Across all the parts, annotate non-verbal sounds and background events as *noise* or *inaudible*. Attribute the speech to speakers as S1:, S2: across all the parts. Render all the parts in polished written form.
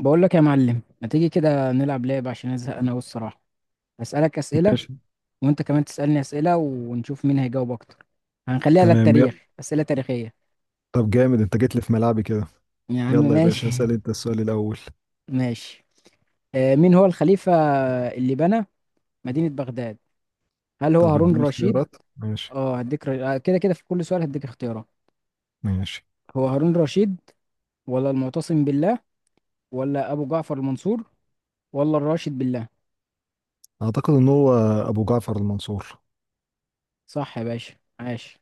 S1: بقول لك يا معلم، ما تيجي كده نلعب لعبة عشان ازهق انا والصراحة. هسألك أسئلة،
S2: ماشي.
S1: وانت كمان تسألني أسئلة، ونشوف مين هيجاوب اكتر. هنخليها
S2: تمام، يلا.
S1: للتاريخ، أسئلة تاريخية.
S2: طب جامد انت جيت لي في ملعبي كده.
S1: يا عم
S2: يلا يا
S1: ماشي.
S2: باشا اسأل انت السؤال الأول.
S1: *laughs* ماشي. مين هو الخليفة اللي بنى مدينة بغداد؟ هل هو
S2: طب
S1: هارون
S2: اديني
S1: الرشيد؟
S2: اختيارات. ماشي
S1: اه، هديك. ر... آه، كده كده في كل سؤال هديك اختيارات.
S2: ماشي.
S1: هو هارون الرشيد، ولا المعتصم بالله، ولا ابو جعفر المنصور، ولا الراشد بالله؟
S2: اعتقد ان هو ابو جعفر المنصور.
S1: صح يا باشا، عاش.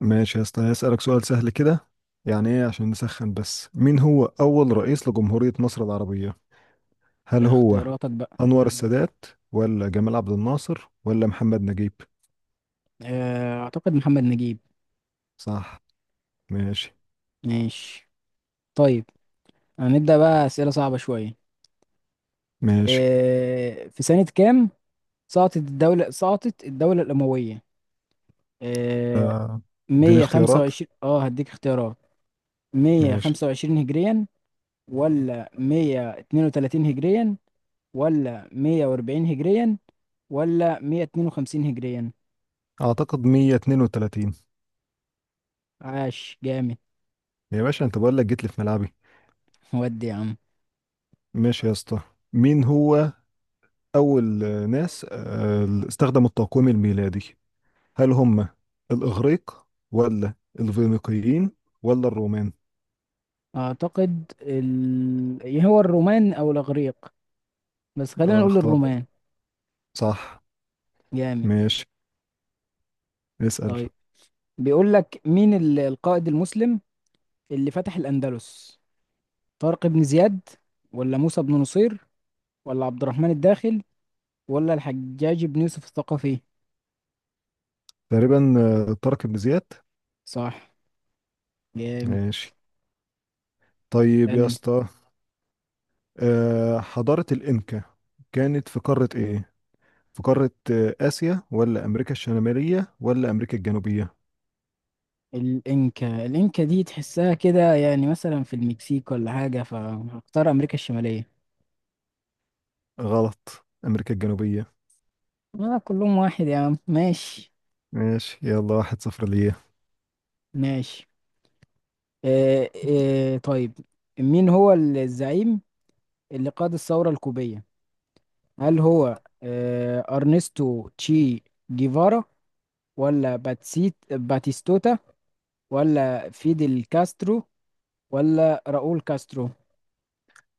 S2: ماشي يا اسطى، هسألك سؤال سهل كده، يعني ايه عشان نسخن بس. مين هو أول رئيس لجمهورية مصر العربية؟ هل هو
S1: اختياراتك بقى.
S2: أنور السادات ولا جمال عبد الناصر ولا محمد نجيب؟
S1: اعتقد محمد نجيب.
S2: صح. ماشي
S1: ماشي، طيب. هنبدأ بقى أسئلة صعبة شوية.
S2: ماشي.
S1: في سنة كام سقطت الدولة الأموية؟ آه،
S2: آه، اديني اختيارات.
S1: 125. اه، هديك اختيارات.
S2: ماشي.
S1: 125 هجريا، ولا 132 هجريا، ولا 140 هجريا، ولا 152 هجريا؟
S2: اعتقد 132.
S1: عاش، جامد.
S2: يا باشا انت بقول لك جيت لي في ملعبي.
S1: ودي يا عم.
S2: ماشي يا اسطى. مين هو أول ناس استخدموا التقويم الميلادي؟ هل هم الإغريق ولا الفينيقيين ولا الرومان؟
S1: أعتقد إيه هو الرومان أو الإغريق، بس خلينا
S2: اه،
S1: نقول
S2: اختار بقى.
S1: الرومان.
S2: صح.
S1: جامد،
S2: ماشي. اسأل.
S1: طيب. بيقول لك مين القائد المسلم اللي فتح الأندلس؟ طارق بن زياد، ولا موسى بن نصير، ولا عبد الرحمن الداخل، ولا الحجاج بن يوسف الثقفي؟
S2: تقريبا طارق بن زياد.
S1: صح، جامد.
S2: ماشي. طيب يا
S1: اسألني.
S2: اسطى، حضارة الإنكا كانت في قارة إيه؟ في قارة آسيا ولا أمريكا الشمالية ولا أمريكا الجنوبية؟
S1: الإنكا دي تحسها كده يعني مثلا في المكسيك ولا حاجة، فهختار أمريكا الشمالية.
S2: غلط، أمريكا الجنوبية.
S1: كلهم واحد يا عم، ماشي.
S2: ماشي يلا، واحد صفر ليا.
S1: ماشي. آه طيب. مين هو الزعيم اللي قاد الثورة الكوبية؟ هل هو أرنستو تشي جيفارا، ولا باتسيت باتيستوتا، ولا فيدل كاسترو، ولا راؤول كاسترو؟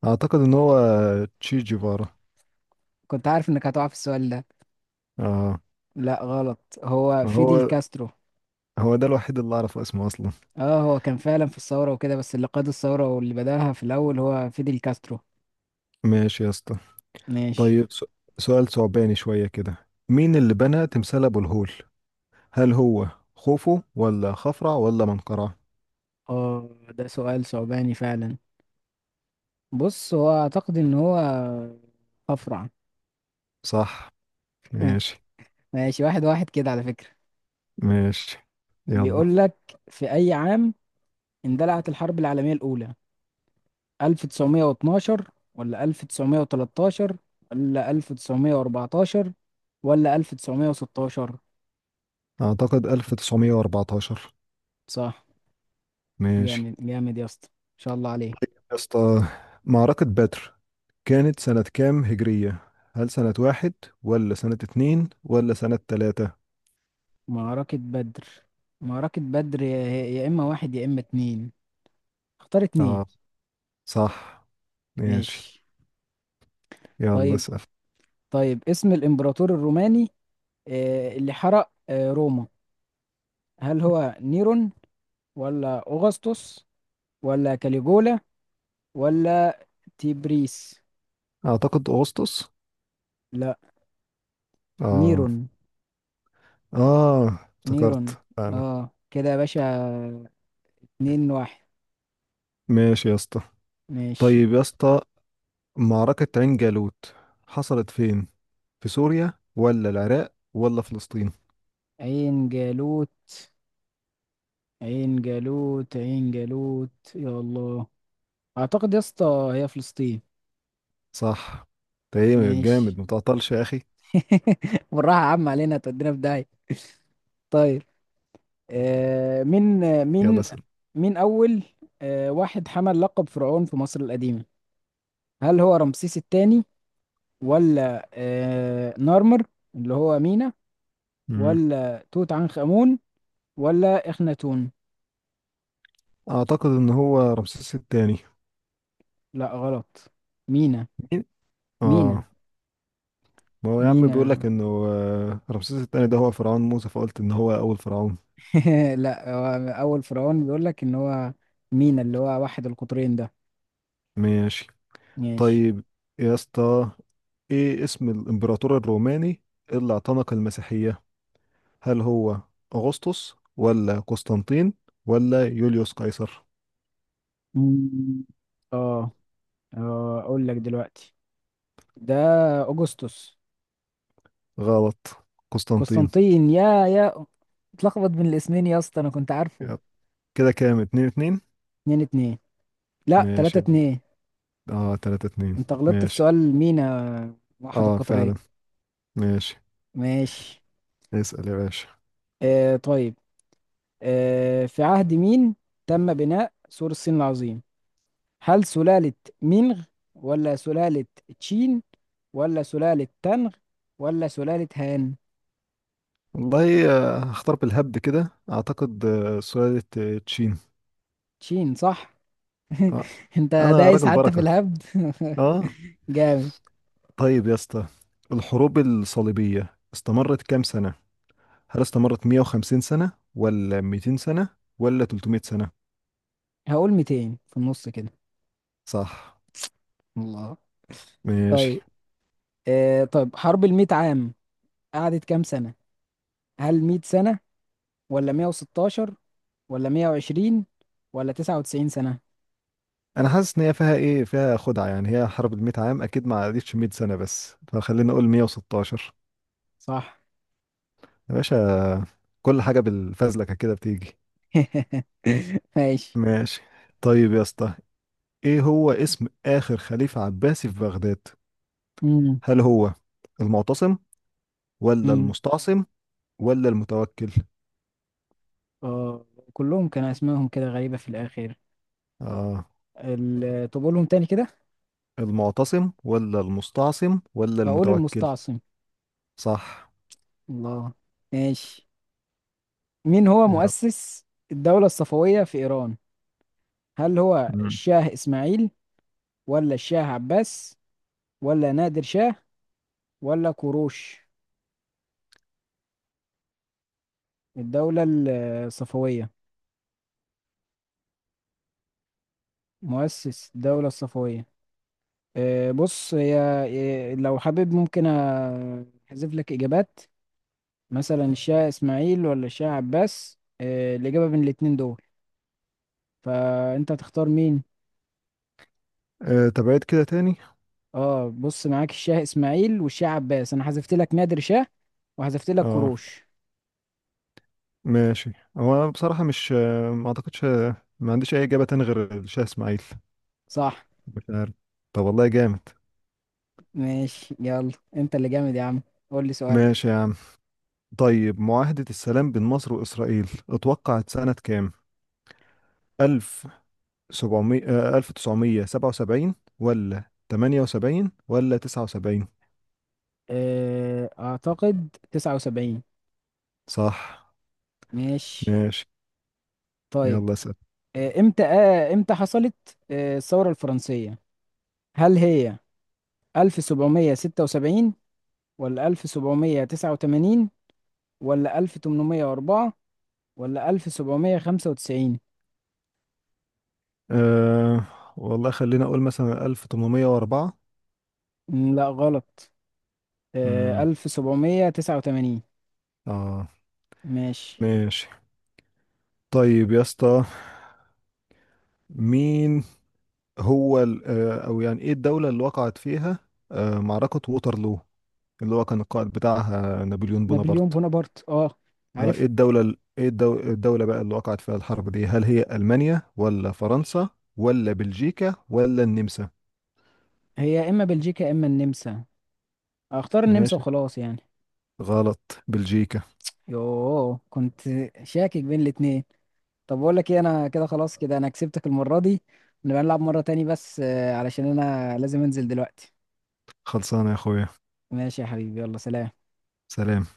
S2: اعتقد ان هو تشي جيفارا.
S1: كنت عارف انك هتقع في السؤال ده.
S2: اه.
S1: لا، غلط، هو فيدل
S2: هو
S1: كاسترو.
S2: هو ده الوحيد اللي اعرف اسمه اصلا.
S1: اه، هو كان فعلا في الثورة وكده، بس اللي قاد الثورة واللي بدأها في الأول هو فيدل كاسترو.
S2: ماشي يا اسطى.
S1: ماشي.
S2: طيب سؤال ثعباني شوية كده. مين اللي بنى تمثال ابو الهول؟ هل هو خوفو ولا خفرع ولا منقرع؟
S1: اه، ده سؤال صعباني فعلا. بص، هو أعتقد إن هو أفرع.
S2: صح.
S1: *laughs*
S2: ماشي.
S1: ماشي، واحد واحد كده على فكرة.
S2: ماشي يلا.
S1: بيقول لك في أي عام اندلعت الحرب العالمية الأولى؟ 1912، ولا 1913، ولا 1914، ولا 1916؟
S2: اعتقد 1914.
S1: صح.
S2: ماشي
S1: جامد جامد يا اسطى، ان شاء الله عليك.
S2: يا اسطى. معركة بدر كانت سنة كام هجرية؟ هل سنة واحد ولا سنة اتنين ولا سنة تلاتة؟
S1: معركة بدر معركة بدر، يا اما واحد يا اما اتنين. اختار اتنين.
S2: اه. صح. ماشي.
S1: ماشي،
S2: يلا
S1: طيب.
S2: اسأل.
S1: طيب، اسم الامبراطور الروماني اللي حرق روما؟ هل هو نيرون، ولا اوغسطس، ولا كاليجولا، ولا تيبريس؟
S2: أعتقد أغسطس.
S1: لا،
S2: آه،
S1: نيرون.
S2: آه، افتكرت
S1: نيرون.
S2: فعلا.
S1: اه، كده يا باشا، اتنين واحد.
S2: ماشي يا اسطى.
S1: ماشي.
S2: طيب يا اسطى، معركة عين جالوت حصلت فين؟ في سوريا ولا العراق ولا فلسطين؟
S1: عين جالوت عين جالوت عين جالوت، يا الله. اعتقد يا اسطى هي فلسطين.
S2: صح. تمام،
S1: ماشي.
S2: جامد متعطلش يا أخي.
S1: *laughs* بالراحة يا عم علينا، تودينا في داهية. طيب. آه مين آه،
S2: يلا
S1: مين
S2: اسأل.
S1: مين اول واحد حمل لقب فرعون في مصر القديمة؟ هل هو رمسيس الثاني، ولا نارمر اللي هو مينا،
S2: مم.
S1: ولا توت عنخ آمون، ولا إخناتون؟
S2: أعتقد إن هو رمسيس التاني.
S1: لا، غلط. مينا
S2: مين؟ آه.
S1: مينا
S2: ما هو يا عم بيقول
S1: مينا.
S2: لك إنه رمسيس التاني ده هو فرعون موسى، فقلت إن هو أول فرعون.
S1: *laughs* لا، هو أول فرعون، بيقول لك إن هو مينا اللي هو واحد القطرين ده.
S2: ماشي.
S1: ماشي.
S2: طيب يا اسطى، ايه اسم الامبراطور الروماني اللي اعتنق المسيحية؟ هل هو اغسطس ولا قسطنطين ولا يوليوس قيصر؟
S1: مم. اه أقول لك دلوقتي، ده أغسطس.
S2: غلط، قسطنطين.
S1: قسطنطين. يا اتلخبط بين الاسمين يا اسطى، أنا كنت عارفه.
S2: يب. كده كام؟ اتنين اتنين.
S1: اتنين اتنين. لا، تلاتة
S2: ماشي.
S1: اتنين.
S2: اه، تلاتة اتنين.
S1: أنت غلطت في
S2: ماشي.
S1: سؤال مينا واحد
S2: اه
S1: القطرين.
S2: فعلا. ماشي.
S1: ماشي.
S2: اسأل يا باشا.
S1: طيب. في عهد مين تم بناء سور الصين العظيم؟ هل سلالة مينغ، ولا سلالة تشين، ولا سلالة تانغ، ولا سلالة هان؟
S2: والله هختار بالهبد كده، اعتقد سلالة تشين.
S1: تشين، صح.
S2: آه.
S1: *laughs* انت
S2: انا
S1: دايس
S2: راجل
S1: حتى في
S2: بركة.
S1: الهبد.
S2: اه.
S1: *laughs* جامد.
S2: طيب يا اسطى، الحروب الصليبية استمرت كام سنة؟ هل استمرت 150 سنة ولا 200 سنة ولا 300 سنة؟
S1: هقول 200 في النص كده.
S2: صح.
S1: الله.
S2: ماشي.
S1: طيب. طب حرب الميت عام قعدت كام سنة؟ هل 100 سنة، ولا 116، ولا 120، ولا 99 سنة؟
S2: انا حاسس ان هي فيها ايه، فيها خدعة، يعني هي حرب ال 100 عام اكيد ما عدتش 100 سنة، بس فخلينا نقول 116.
S1: صح.
S2: يا باشا، كل حاجة بالفزلكة كده بتيجي.
S1: *laughs* ماشي.
S2: ماشي. طيب يا اسطى، ايه هو اسم اخر خليفة عباسي في بغداد؟
S1: مم.
S2: هل هو المعتصم ولا
S1: مم.
S2: المستعصم ولا المتوكل؟
S1: آه كلهم كان اسمائهم كده غريبة في الاخر.
S2: اه،
S1: طب قولهم تاني كده.
S2: المعتصم ولا المستعصم ولا
S1: هقول
S2: المتوكل؟
S1: المستعصم.
S2: صح.
S1: الله. ماشي. مين هو مؤسس الدولة الصفوية في ايران؟ هل هو
S2: مم.
S1: الشاه اسماعيل، ولا الشاه عباس، ولا نادر شاه، ولا كوروش؟ الدولة ال- الصفوية، مؤسس الدولة الصفوية. بص هي، لو حابب ممكن احذف لك اجابات. مثلا الشاه اسماعيل ولا الشاه عباس، الإجابة بين الاتنين دول، فانت هتختار مين؟
S2: طب عيد كده تاني.
S1: اه، بص، معاك الشاه اسماعيل والشاه عباس، انا حذفت لك نادر شاه، وحذفت لك
S2: اه.
S1: كروش.
S2: ماشي. هو انا بصراحة مش ما اعتقدش، ما عنديش اي اجابة تاني غير الشاه اسماعيل.
S1: صح.
S2: مش عارف. طب والله جامد.
S1: ماشي، يلا انت اللي جامد يا عم. قول لي سؤالك.
S2: ماشي يا عم. طيب معاهدة السلام بين مصر وإسرائيل اتوقعت سنة كام؟ 1700 آه، 1977 ولا 78 ولا 79؟
S1: اعتقد 79.
S2: صح.
S1: ماشي،
S2: ماشي.
S1: طيب.
S2: يلا اسأل.
S1: امتى حصلت الثورة الفرنسية؟ هل هي 1776، ولا 1789، ولا 1804، ولا 1795؟
S2: أه والله خلينا أقول مثلا 1804.
S1: لا، غلط.
S2: امم.
S1: 1789.
S2: اه.
S1: ماشي.
S2: ماشي. طيب يا اسطى، مين هو او يعني ايه الدولة اللي وقعت فيها معركة ووترلو اللي هو كان القائد بتاعها نابليون
S1: نابليون
S2: بونابرت؟
S1: بونابرت، اه،
S2: ايه
S1: عارف.
S2: الدولة ال- ايه الدو- الدولة بقى اللي وقعت فيها الحرب دي؟ هل هي ألمانيا ولا فرنسا ولا بلجيكا ولا النمسا؟
S1: هي يا إما بلجيكا يا إما النمسا. أختار النمسا
S2: ماشي.
S1: وخلاص يعني.
S2: غلط، بلجيكا.
S1: يوه، كنت شاكك بين الاتنين. طب بقول لك ايه، أنا كده خلاص، كده أنا كسبتك المرة دي. نبقى نلعب مرة تاني، بس علشان أنا لازم أنزل دلوقتي.
S2: خلصانة يا اخويا.
S1: ماشي يا حبيبي، يلا سلام.
S2: سلام.